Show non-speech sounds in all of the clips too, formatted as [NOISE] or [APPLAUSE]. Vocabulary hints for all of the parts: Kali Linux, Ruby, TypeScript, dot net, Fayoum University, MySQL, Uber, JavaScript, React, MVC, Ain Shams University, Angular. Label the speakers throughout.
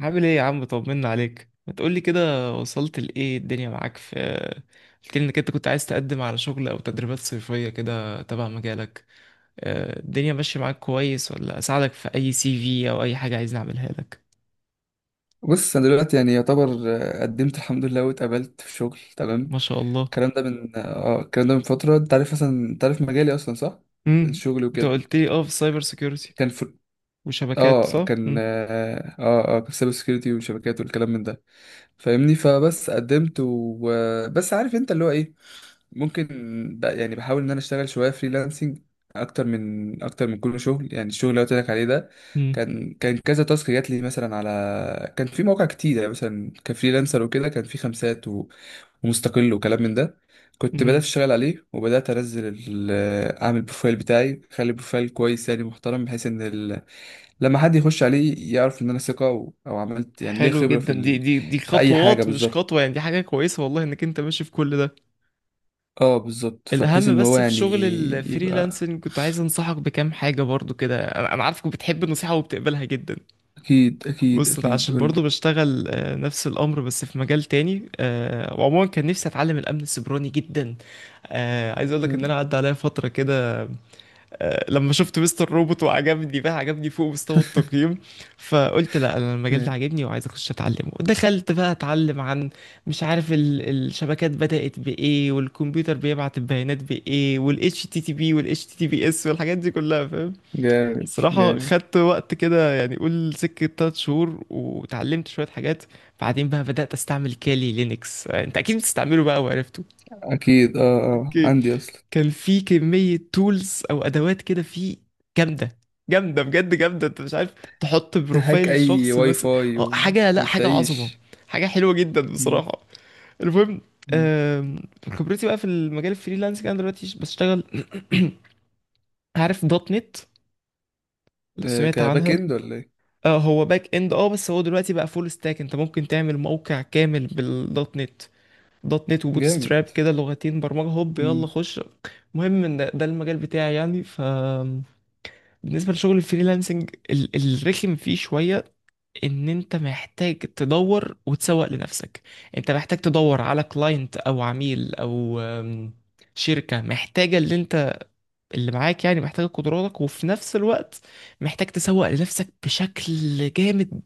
Speaker 1: عامل ايه يا عم؟ طمنا عليك، ما تقولي كده وصلت لايه الدنيا معاك؟ في، قلت لي انك انت كنت عايز تقدم على شغل او تدريبات صيفية كده تبع مجالك. الدنيا ماشية معاك كويس، ولا اساعدك في اي سي في او اي حاجة عايز نعملها لك؟
Speaker 2: بص، انا دلوقتي يعني يعتبر قدمت الحمد لله واتقبلت في شغل، تمام.
Speaker 1: ما شاء الله.
Speaker 2: الكلام ده من فتره. انت عارف مجالي اصلا، صح؟
Speaker 1: امم
Speaker 2: الشغل
Speaker 1: انت
Speaker 2: وكده،
Speaker 1: قلت لي في سايبر سيكيورتي
Speaker 2: كان في
Speaker 1: وشبكات،
Speaker 2: اه
Speaker 1: صح؟
Speaker 2: كان اه اه آه، كان سايبر سكيورتي وشبكات والكلام من ده. فاهمني؟ فبس قدمت، وبس عارف انت اللي هو ايه، ممكن يعني بحاول ان انا اشتغل شويه فريلانسنج اكتر من كل شغل. يعني الشغل اللي قلت لك عليه ده،
Speaker 1: امم
Speaker 2: كان كذا تاسك جات لي، مثلا كان في مواقع كتير يعني، مثلا كفريلانسر وكده، كان في خمسات و... ومستقل، وكلام من ده. كنت بدات
Speaker 1: أمم.
Speaker 2: اشتغل عليه، وبدات انزل اعمل بروفايل بتاعي، اخلي بروفايل كويس يعني محترم، بحيث ان لما حد يخش عليه يعرف ان انا ثقه، او عملت يعني ليه
Speaker 1: حلو
Speaker 2: خبره في
Speaker 1: جدا، دي دي دي
Speaker 2: في اي حاجه
Speaker 1: خطوات مش
Speaker 2: بالظبط.
Speaker 1: خطوة، يعني دي حاجة كويسة، والله انك انت ماشي في كل ده.
Speaker 2: اه بالظبط، فبحيث
Speaker 1: الأهم،
Speaker 2: ان هو
Speaker 1: بس في
Speaker 2: يعني
Speaker 1: شغل
Speaker 2: يبقى.
Speaker 1: الفريلانسنج كنت عايز أنصحك بكام حاجة برضو كده، أنا عارفك بتحب النصيحة وبتقبلها جدا.
Speaker 2: أكيد أكيد
Speaker 1: بص، أنا
Speaker 2: أكيد،
Speaker 1: عشان برضو
Speaker 2: قولي.
Speaker 1: بشتغل نفس الأمر بس في مجال تاني، وعموما كان نفسي أتعلم الأمن السيبراني جدا. عايز أقول لك إن أنا
Speaker 2: جامد
Speaker 1: عدى عليا فترة كده، لما شفت مستر روبوت وعجبني، بقى عجبني فوق مستوى التقييم. فقلت لا، انا المجال ده عاجبني وعايز اخش اتعلمه. دخلت بقى اتعلم عن، مش عارف، الشبكات بدأت بايه، والكمبيوتر بيبعت البيانات بايه، والاتش تي تي بي والاتش تي تي بي اس والحاجات دي كلها، فاهم.
Speaker 2: جامد
Speaker 1: الصراحة
Speaker 2: جامد.
Speaker 1: خدت وقت كده، يعني قول سكة 3 شهور وتعلمت شوية حاجات. بعدين بقى بدأت استعمل كالي لينكس، انت اكيد بتستعمله بقى وعرفته.
Speaker 2: أكيد، أه. أه، عندي أصلا.
Speaker 1: كان في كمية تولز أو أدوات كده، في، جامدة. جامدة، بجد جامدة، أنت مش عارف. تحط
Speaker 2: تهاك
Speaker 1: بروفايل
Speaker 2: أي
Speaker 1: شخص
Speaker 2: واي
Speaker 1: مثلا.
Speaker 2: فاي
Speaker 1: أه
Speaker 2: و...
Speaker 1: حاجة، لأ، حاجة عظمة.
Speaker 2: وتعيش.
Speaker 1: حاجة حلوة جدا
Speaker 2: مم.
Speaker 1: بصراحة. المهم،
Speaker 2: مم.
Speaker 1: آم، خبرتي بقى في المجال الفريلانسنج، أنا دلوقتي بشتغل. [CLEARS THROAT] عارف دوت نت، لو
Speaker 2: آه،
Speaker 1: سمعت
Speaker 2: كباك
Speaker 1: عنها.
Speaker 2: إند ولا إيه؟
Speaker 1: هو باك اند، بس هو دلوقتي بقى فول ستاك، انت ممكن تعمل موقع كامل بالدوت نت. دوت نت وبوت
Speaker 2: جامد.
Speaker 1: ستراب كده، لغتين برمجة، هوب يلا
Speaker 2: مم.
Speaker 1: خش. المهم ان ده المجال بتاعي، يعني ف، بالنسبة لشغل الفريلانسنج الرخم فيه شوية، ان انت محتاج تدور وتسوق لنفسك. انت محتاج تدور على كلاينت او عميل او، شركة محتاجة اللي انت، اللي معاك يعني، محتاجة قدراتك، وفي نفس الوقت محتاج تسوق لنفسك بشكل جامد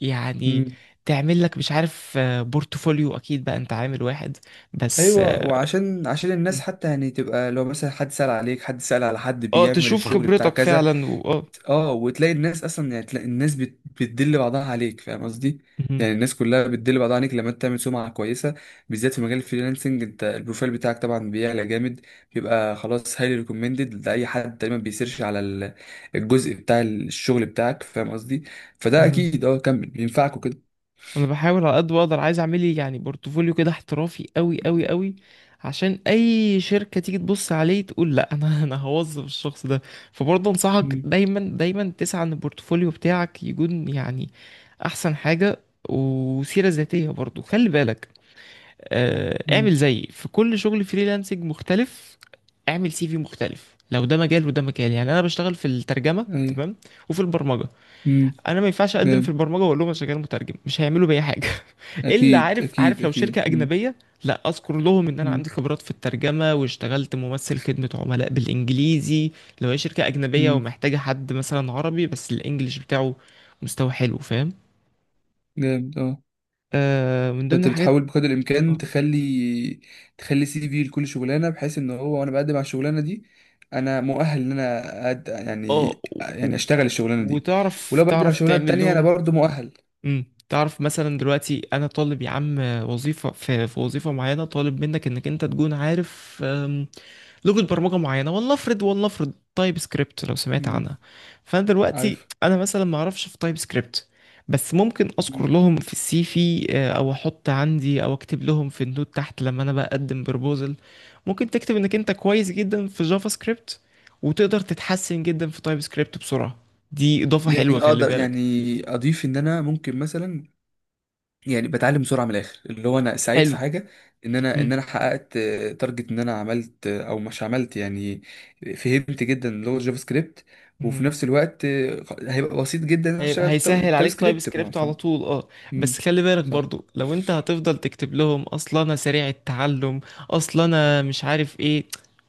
Speaker 1: يعني.
Speaker 2: مم.
Speaker 1: تعمل لك مش عارف، بورتفوليو، اكيد بقى انت عامل واحد، بس
Speaker 2: ايوه، وعشان الناس
Speaker 1: مم.
Speaker 2: حتى يعني تبقى، لو مثلا حد سأل عليك، حد سأل على حد بيعمل
Speaker 1: تشوف
Speaker 2: الشغل بتاع
Speaker 1: خبرتك
Speaker 2: كذا،
Speaker 1: فعلا، واه.
Speaker 2: اه، وتلاقي الناس اصلا، يعني تلاقي الناس بتدل بعضها عليك، فاهم قصدي؟
Speaker 1: مهم.
Speaker 2: يعني الناس كلها بتدل بعضها عليك لما انت تعمل سمعه كويسه. بالذات في مجال الفريلانسنج، انت البروفايل بتاعك طبعا بيعلى جامد، بيبقى خلاص هايلي ريكومندد لاي حد تقريبا بيسيرش على الجزء بتاع الشغل بتاعك، فاهم قصدي؟ فده
Speaker 1: مهم.
Speaker 2: اكيد، كمل بينفعك وكده.
Speaker 1: انا بحاول على قد ما اقدر، عايز اعمل لي يعني بورتفوليو كده احترافي قوي قوي قوي، عشان اي شركه تيجي تبص عليه تقول لا انا [LAUGHS] انا هوظف الشخص ده. فبرضه انصحك
Speaker 2: مم.
Speaker 1: دايما دايما تسعى ان البورتفوليو بتاعك يكون يعني احسن حاجه. وسيره ذاتيه برضه خلي بالك،
Speaker 2: مم.
Speaker 1: اعمل زيي في كل شغل فريلانسنج مختلف. اعمل سي في مختلف، لو ده مجال وده مجال، يعني انا بشتغل في الترجمه
Speaker 2: ايوه.
Speaker 1: تمام، وفي البرمجه.
Speaker 2: مم.
Speaker 1: انا ما ينفعش اقدم في
Speaker 2: جامد.
Speaker 1: البرمجه واقول لهم انا شغال مترجم، مش هيعملوا بيا حاجه. الا
Speaker 2: اكيد
Speaker 1: عارف
Speaker 2: اكيد
Speaker 1: عارف لو
Speaker 2: اكيد.
Speaker 1: شركه
Speaker 2: مم.
Speaker 1: اجنبيه، لا اذكر لهم ان انا
Speaker 2: مم.
Speaker 1: عندي خبرات في الترجمه واشتغلت ممثل خدمه عملاء بالانجليزي. لو هي شركه اجنبيه
Speaker 2: مم.
Speaker 1: ومحتاجه حد مثلا عربي بس الانجليش بتاعه مستوى حلو، فاهم.
Speaker 2: جامد. اه.
Speaker 1: من ضمن
Speaker 2: فانت
Speaker 1: الحاجات،
Speaker 2: بتحاول بقدر الامكان
Speaker 1: اه
Speaker 2: تخلي سي في لكل شغلانه، بحيث ان هو، وانا بقدم على الشغلانه دي، انا مؤهل ان انا يعني
Speaker 1: آه، و-
Speaker 2: يعني
Speaker 1: و-
Speaker 2: اشتغل الشغلانه دي،
Speaker 1: وتعرف
Speaker 2: ولو بقدم على
Speaker 1: تعرف
Speaker 2: الشغلانه
Speaker 1: تعمل
Speaker 2: التانيه انا
Speaker 1: لهم.
Speaker 2: برضو مؤهل.
Speaker 1: تعرف مثلا دلوقتي، انا طالب يا عم وظيفه في وظيفه معينه، طالب منك انك انت تكون عارف، لغه برمجه معينه. والله افرض تايب سكريبت، لو سمعت
Speaker 2: امم
Speaker 1: عنها. فانا دلوقتي
Speaker 2: عارف.
Speaker 1: انا مثلا ما اعرفش في تايب سكريبت، بس ممكن اذكر
Speaker 2: مم.
Speaker 1: لهم في السي في، او احط عندي، او اكتب لهم في النوت تحت لما انا بقدم بروبوزل. ممكن تكتب انك انت كويس جدا في جافا سكريبت، وتقدر تتحسن جدا في تايب سكريبت بسرعه. دي اضافه حلوه
Speaker 2: يعني
Speaker 1: خلي
Speaker 2: اقدر
Speaker 1: بالك.
Speaker 2: يعني اضيف ان انا ممكن مثلا يعني بتعلم بسرعه، من الاخر اللي هو انا سعيد في
Speaker 1: حلو.
Speaker 2: حاجه، ان انا حققت تارجت، ان انا عملت او مش عملت يعني. فهمت جدا لغه جافا سكريبت، وفي
Speaker 1: مهم.
Speaker 2: نفس الوقت هيبقى بسيط جدا ان انا اشتغل في
Speaker 1: هيسهل
Speaker 2: تاب
Speaker 1: عليك تايب
Speaker 2: سكريبت، ما
Speaker 1: سكريبت على
Speaker 2: فاهم؟
Speaker 1: طول، اه.
Speaker 2: مم،
Speaker 1: بس خلي بالك
Speaker 2: صح.
Speaker 1: برضو، لو انت هتفضل تكتب لهم اصلا انا سريع التعلم، اصلا انا مش عارف ايه،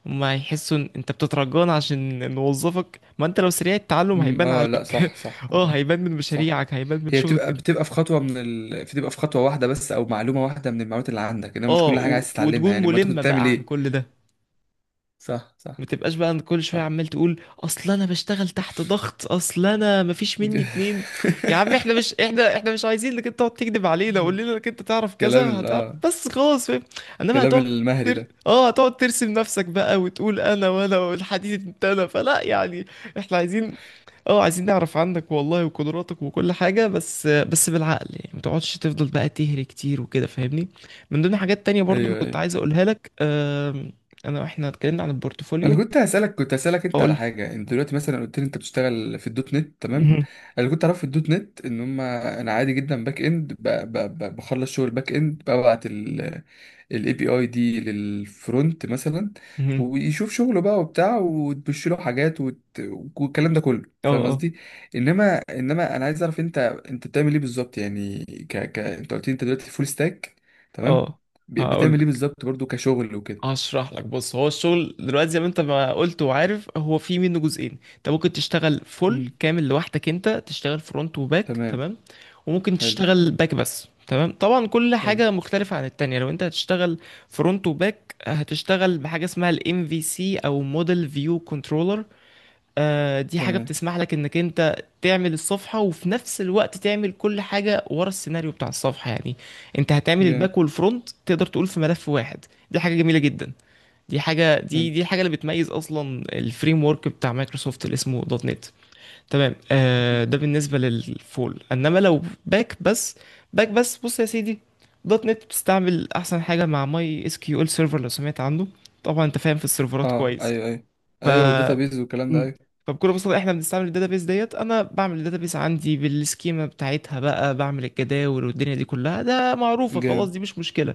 Speaker 1: هما هيحسوا ان انت بتترجانا عشان نوظفك. ما انت لو سريع التعلم هيبان
Speaker 2: اه، لا،
Speaker 1: عليك
Speaker 2: صح صح،
Speaker 1: [LAUGHS] اه
Speaker 2: اه
Speaker 1: هيبان من
Speaker 2: صح.
Speaker 1: مشاريعك، هيبان من
Speaker 2: هي بتبقى
Speaker 1: شغلك.
Speaker 2: بتبقى في خطوه من بتبقى في خطوه واحده بس، او معلومه واحده من المعلومات اللي عندك، انما مش كل حاجه عايز تتعلمها
Speaker 1: وتكون
Speaker 2: يعني، ما انت كنت
Speaker 1: ملم
Speaker 2: بتعمل
Speaker 1: بقى عن
Speaker 2: ايه؟
Speaker 1: كل ده،
Speaker 2: صح
Speaker 1: ما
Speaker 2: صح
Speaker 1: تبقاش بقى كل شويه
Speaker 2: صح.
Speaker 1: عمال تقول اصل انا بشتغل تحت ضغط، اصل انا مفيش مني اتنين. يا عم، احنا مش عايزين انك انت تقعد تكذب علينا، قول
Speaker 2: [LAUGHS]
Speaker 1: لنا انك انت تعرف
Speaker 2: كلام
Speaker 1: كذا،
Speaker 2: ال-
Speaker 1: هتعرف
Speaker 2: اه
Speaker 1: بس خلاص، فاهم. انما
Speaker 2: كلام
Speaker 1: هتقعد
Speaker 2: المهري
Speaker 1: تر...
Speaker 2: ده.
Speaker 1: اه هتقعد ترسم نفسك بقى وتقول انا وانا والحديد، انت انا، فلا يعني. احنا عايزين، اه عايزين نعرف عنك والله، وقدراتك وكل حاجه، بس بالعقل يعني، ما تقعدش تفضل بقى تهري كتير وكده، فاهمني. من ضمن حاجات تانية برضو اللي
Speaker 2: ايوه
Speaker 1: كنت
Speaker 2: ايوه،
Speaker 1: عايز اقولها لك، واحنا اتكلمنا عن
Speaker 2: انا
Speaker 1: البورتفوليو،
Speaker 2: كنت هسالك انت
Speaker 1: اقول
Speaker 2: على
Speaker 1: لك.
Speaker 2: حاجه. انت دلوقتي مثلا قلت لي انت بتشتغل في الدوت نت، تمام.
Speaker 1: مهم.
Speaker 2: انا كنت اعرف في الدوت نت ان هم انا عادي جدا باك اند، بخلص شغل باك اند، ببعت الاي بي اي دي للفرونت مثلا،
Speaker 1: مهم.
Speaker 2: ويشوف شغله بقى وبتاع، وتبش له حاجات والكلام ده كله،
Speaker 1: اه.
Speaker 2: فاهم
Speaker 1: اه.
Speaker 2: قصدي؟ انما انا عايز اعرف انت، انت بتعمل ايه بالظبط يعني، انت قلت لي انت دلوقتي فول ستاك، تمام.
Speaker 1: اه هقول
Speaker 2: بتعمل ايه
Speaker 1: لك،
Speaker 2: بالظبط برضو كشغل وكده؟
Speaker 1: هشرح لك. بص، هو الشغل دلوقتي زي ما انت ما قلت وعارف، هو في منه جزئين. انت ممكن تشتغل فول
Speaker 2: مم.
Speaker 1: كامل لوحدك، انت تشتغل فرونت وباك
Speaker 2: تمام.
Speaker 1: تمام، وممكن
Speaker 2: حلو.
Speaker 1: تشتغل باك بس تمام. طبعا كل
Speaker 2: حلو.
Speaker 1: حاجة مختلفة عن التانية. لو انت هتشتغل فرونت وباك، هتشتغل بحاجة اسمها الام في سي، او موديل فيو كنترولر. دي حاجة
Speaker 2: تمام.
Speaker 1: بتسمح لك انك انت تعمل الصفحة، وفي نفس الوقت تعمل كل حاجة ورا السيناريو بتاع الصفحة يعني. انت هتعمل
Speaker 2: جامد.
Speaker 1: الباك والفرونت، تقدر تقول في ملف واحد. دي حاجة جميلة جدا. دي حاجة
Speaker 2: حلو.
Speaker 1: دي دي الحاجة اللي بتميز اصلا الفريم ورك بتاع مايكروسوفت اللي اسمه دوت نت. تمام، ده بالنسبة للفول. انما لو باك بس، باك بس، بص يا سيدي، دوت نت بتستعمل احسن حاجة مع ماي اس كيو ال سيرفر، لو سمعت عنه. طبعا انت فاهم في السيرفرات
Speaker 2: اه.
Speaker 1: كويس.
Speaker 2: ايوه ايوه.
Speaker 1: ف...
Speaker 2: ايوه وداتابيز والكلام ده،
Speaker 1: امم
Speaker 2: ايوه.
Speaker 1: فبكل بساطه احنا بنستعمل الداتابيس، ديت انا بعمل الداتابيس عندي بالسكيما بتاعتها، بقى بعمل الجداول والدنيا دي كلها، ده معروفه خلاص،
Speaker 2: جامد.
Speaker 1: دي مش مشكله.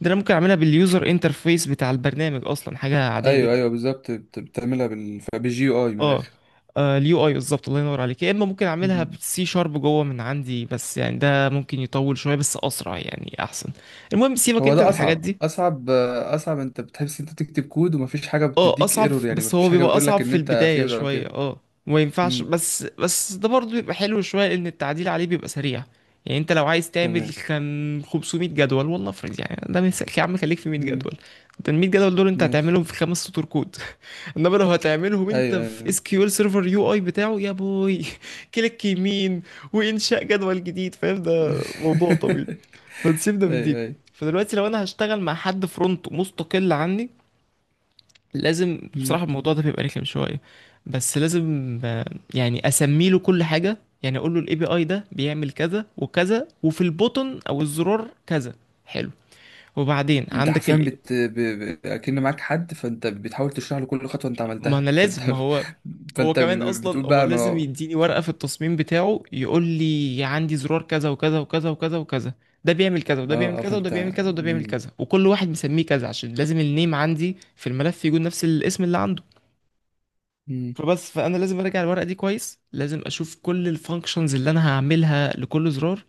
Speaker 1: ده انا ممكن اعملها باليوزر انترفيس بتاع البرنامج، اصلا حاجه عاديه
Speaker 2: ايوه
Speaker 1: جدا.
Speaker 2: ايوه بالظبط، بتعملها بالجي يو اي من
Speaker 1: اه،
Speaker 2: الاخر.
Speaker 1: اليو اي بالظبط، الله ينور عليك. يا اما ممكن اعملها
Speaker 2: مم.
Speaker 1: بالسي شارب جوه من عندي، بس يعني ده ممكن يطول شويه، بس اسرع يعني احسن. المهم سيبك
Speaker 2: هو
Speaker 1: انت من
Speaker 2: ده
Speaker 1: الحاجات دي.
Speaker 2: اصعب، انت بتحس انت بتكتب كود ومفيش حاجه
Speaker 1: اه،
Speaker 2: بتديك
Speaker 1: اصعب،
Speaker 2: ايرور، يعني
Speaker 1: بس
Speaker 2: مفيش
Speaker 1: هو
Speaker 2: حاجه
Speaker 1: بيبقى
Speaker 2: بتقول
Speaker 1: اصعب
Speaker 2: لك ان
Speaker 1: في
Speaker 2: انت في
Speaker 1: البداية
Speaker 2: ايرور او
Speaker 1: شوية،
Speaker 2: كده.
Speaker 1: وما ينفعش.
Speaker 2: مم.
Speaker 1: بس ده برضه بيبقى حلو شوية، لان التعديل عليه بيبقى سريع. يعني انت لو عايز تعمل
Speaker 2: تمام.
Speaker 1: كان 500 جدول، والله افرض يعني ده مثال يا عم، خليك في 100
Speaker 2: مم.
Speaker 1: جدول. انت ال 100 جدول دول انت هتعملهم
Speaker 2: ماشي.
Speaker 1: في 5 سطور كود. [LAUGHS] انما لو هتعملهم انت
Speaker 2: ايوه
Speaker 1: في
Speaker 2: ايوه.
Speaker 1: اس كيو ال سيرفر يو اي بتاعه، يا بوي [LAUGHS] كليك يمين وانشاء جدول جديد، فاهم، ده موضوع طويل.
Speaker 2: [LAUGHS]
Speaker 1: فنسيب ده من
Speaker 2: ايوه
Speaker 1: دي.
Speaker 2: ايوه.
Speaker 1: فدلوقتي لو انا هشتغل مع حد فرونت مستقل عني، لازم
Speaker 2: أيوة.
Speaker 1: بصراحة الموضوع ده بيبقى رخم شوية، بس لازم، يعني اسمي له كل حاجة. يعني اقول له الاي بي اي ده بيعمل كذا وكذا، وفي البوتن او الزرار كذا، حلو، وبعدين
Speaker 2: انت
Speaker 1: عندك
Speaker 2: حرفيا
Speaker 1: ال،
Speaker 2: اكن معاك حد، فانت بتحاول تشرح له كل خطوه انت
Speaker 1: ما انا
Speaker 2: عملتها، فانت
Speaker 1: لازم، ما هو،
Speaker 2: [LAUGHS]
Speaker 1: هو
Speaker 2: فانت
Speaker 1: كمان
Speaker 2: بتقول
Speaker 1: اصلا هو
Speaker 2: بقى،
Speaker 1: لازم
Speaker 2: ما
Speaker 1: يديني ورقة في التصميم بتاعه، يقول لي عندي زرار كذا وكذا وكذا وكذا وكذا. ده بيعمل كذا، وده بيعمل
Speaker 2: اه
Speaker 1: كذا، وده
Speaker 2: فانت.
Speaker 1: بيعمل كذا، وده بيعمل
Speaker 2: مم.
Speaker 1: كذا، وكل واحد مسميه كذا، عشان لازم النيم عندي في الملف يكون نفس الاسم اللي عنده.
Speaker 2: مم.
Speaker 1: فبس، فانا لازم اراجع الورقه دي كويس، لازم اشوف كل الفانكشنز اللي انا هعملها لكل زرار،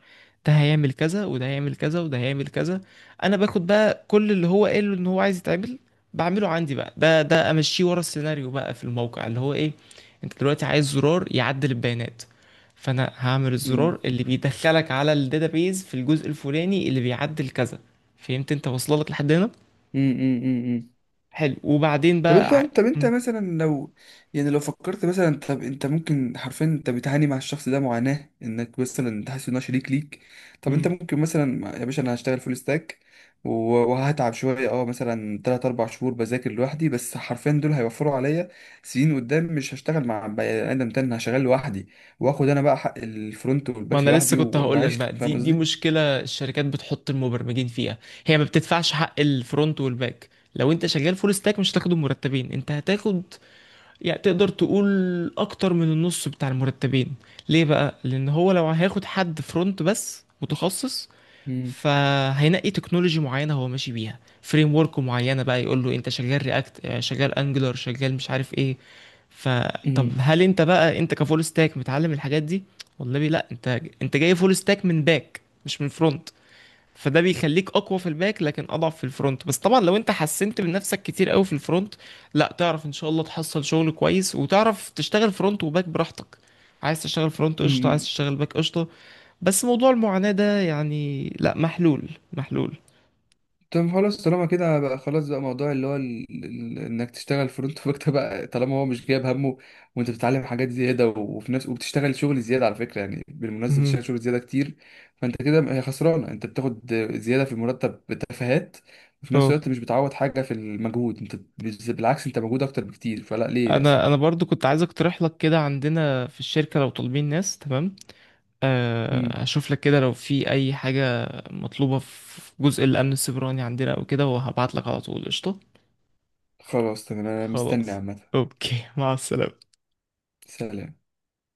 Speaker 1: ده هيعمل كذا وده هيعمل كذا وده هيعمل كذا. انا باخد بقى كل اللي هو قاله ان هو عايز يتعمل، بعمله عندي بقى. ده امشيه ورا السيناريو بقى في الموقع اللي هو ايه. انت دلوقتي عايز زرار يعدل البيانات، فانا هعمل
Speaker 2: مم.
Speaker 1: الزرار اللي بيدخلك على الداتابيز في الجزء الفلاني اللي بيعدل كذا. فهمت، انت واصله لك لحد هنا.
Speaker 2: مم. مم. مم.
Speaker 1: حلو وبعدين
Speaker 2: طب
Speaker 1: بقى،
Speaker 2: انت طب انت مثلا لو، يعني لو فكرت مثلا، طب انت ممكن حرفيا، انت بتعاني مع الشخص ده معاناة، انك مثلا انت حاسس ان هو شريك ليك. طب انت
Speaker 1: ع...
Speaker 2: ممكن مثلا، يا باشا انا هشتغل فول ستاك و- وهتعب شوية، مثلا 3 4 شهور بذاكر لوحدي، بس حرفيا دول هيوفروا عليا سنين قدام، مش هشتغل مع بني آدم تاني، أنا هشتغل لوحدي، واخد انا بقى حق الفرونت
Speaker 1: ما
Speaker 2: والباك
Speaker 1: انا لسه
Speaker 2: لوحدي
Speaker 1: كنت
Speaker 2: و-
Speaker 1: هقول لك
Speaker 2: واعيش،
Speaker 1: بقى،
Speaker 2: فاهم
Speaker 1: دي
Speaker 2: قصدي؟
Speaker 1: مشكله الشركات بتحط المبرمجين فيها. هي ما بتدفعش حق الفرونت والباك، لو انت شغال فول ستاك مش هتاخد المرتبين، انت هتاخد، يعني تقدر تقول، اكتر من النص بتاع المرتبين. ليه بقى؟ لان هو لو هياخد حد فرونت بس متخصص،
Speaker 2: مم.
Speaker 1: فهينقي تكنولوجي معينه هو ماشي بيها، فريم ورك معينه بقى، يقول له انت شغال رياكت، شغال انجلر، شغال مش عارف ايه. فطب
Speaker 2: مم.
Speaker 1: هل انت بقى، انت كفول ستاك متعلم الحاجات دي؟ والله لا، انت جاي فول ستاك من باك مش من فرونت، فده بيخليك اقوى في الباك لكن اضعف في الفرونت. بس طبعا لو انت حسنت من نفسك كتير قوي في الفرونت، لا، تعرف ان شاء الله تحصل شغل كويس وتعرف تشتغل فرونت وباك براحتك. عايز تشتغل فرونت قشطه، عايز
Speaker 2: مم.
Speaker 1: تشتغل باك قشطه. بس موضوع المعاناة ده يعني، لا، محلول محلول.
Speaker 2: طب خلاص طالما كده بقى، خلاص بقى موضوع اللي هو انك تشتغل فرونت باك ده بقى، طالما هو مش جايب همه، وانت بتتعلم حاجات زياده، وفي نفس وبتشتغل شغل زياده، على فكره يعني بالمناسبه
Speaker 1: مهم.
Speaker 2: بتشتغل شغل زياده كتير. فانت كده هي خسرانه، انت بتاخد زياده في المرتب بتفاهات، وفي نفس
Speaker 1: اه
Speaker 2: الوقت مش بتعوض حاجه في المجهود، انت بالعكس انت مجهود اكتر بكتير، فلا ليه اصلا؟
Speaker 1: انا برضو كنت عايز اقترح لك كده عندنا في الشركة، لو طالبين ناس تمام،
Speaker 2: مم.
Speaker 1: هشوف لك كده لو في اي حاجة مطلوبة في جزء الامن السيبراني عندنا او كده، وهبعت لك على طول، قشطة.
Speaker 2: خلاص تمام، انا مستني
Speaker 1: خلاص.
Speaker 2: عامه.
Speaker 1: اوكي، مع السلامة.
Speaker 2: سلام.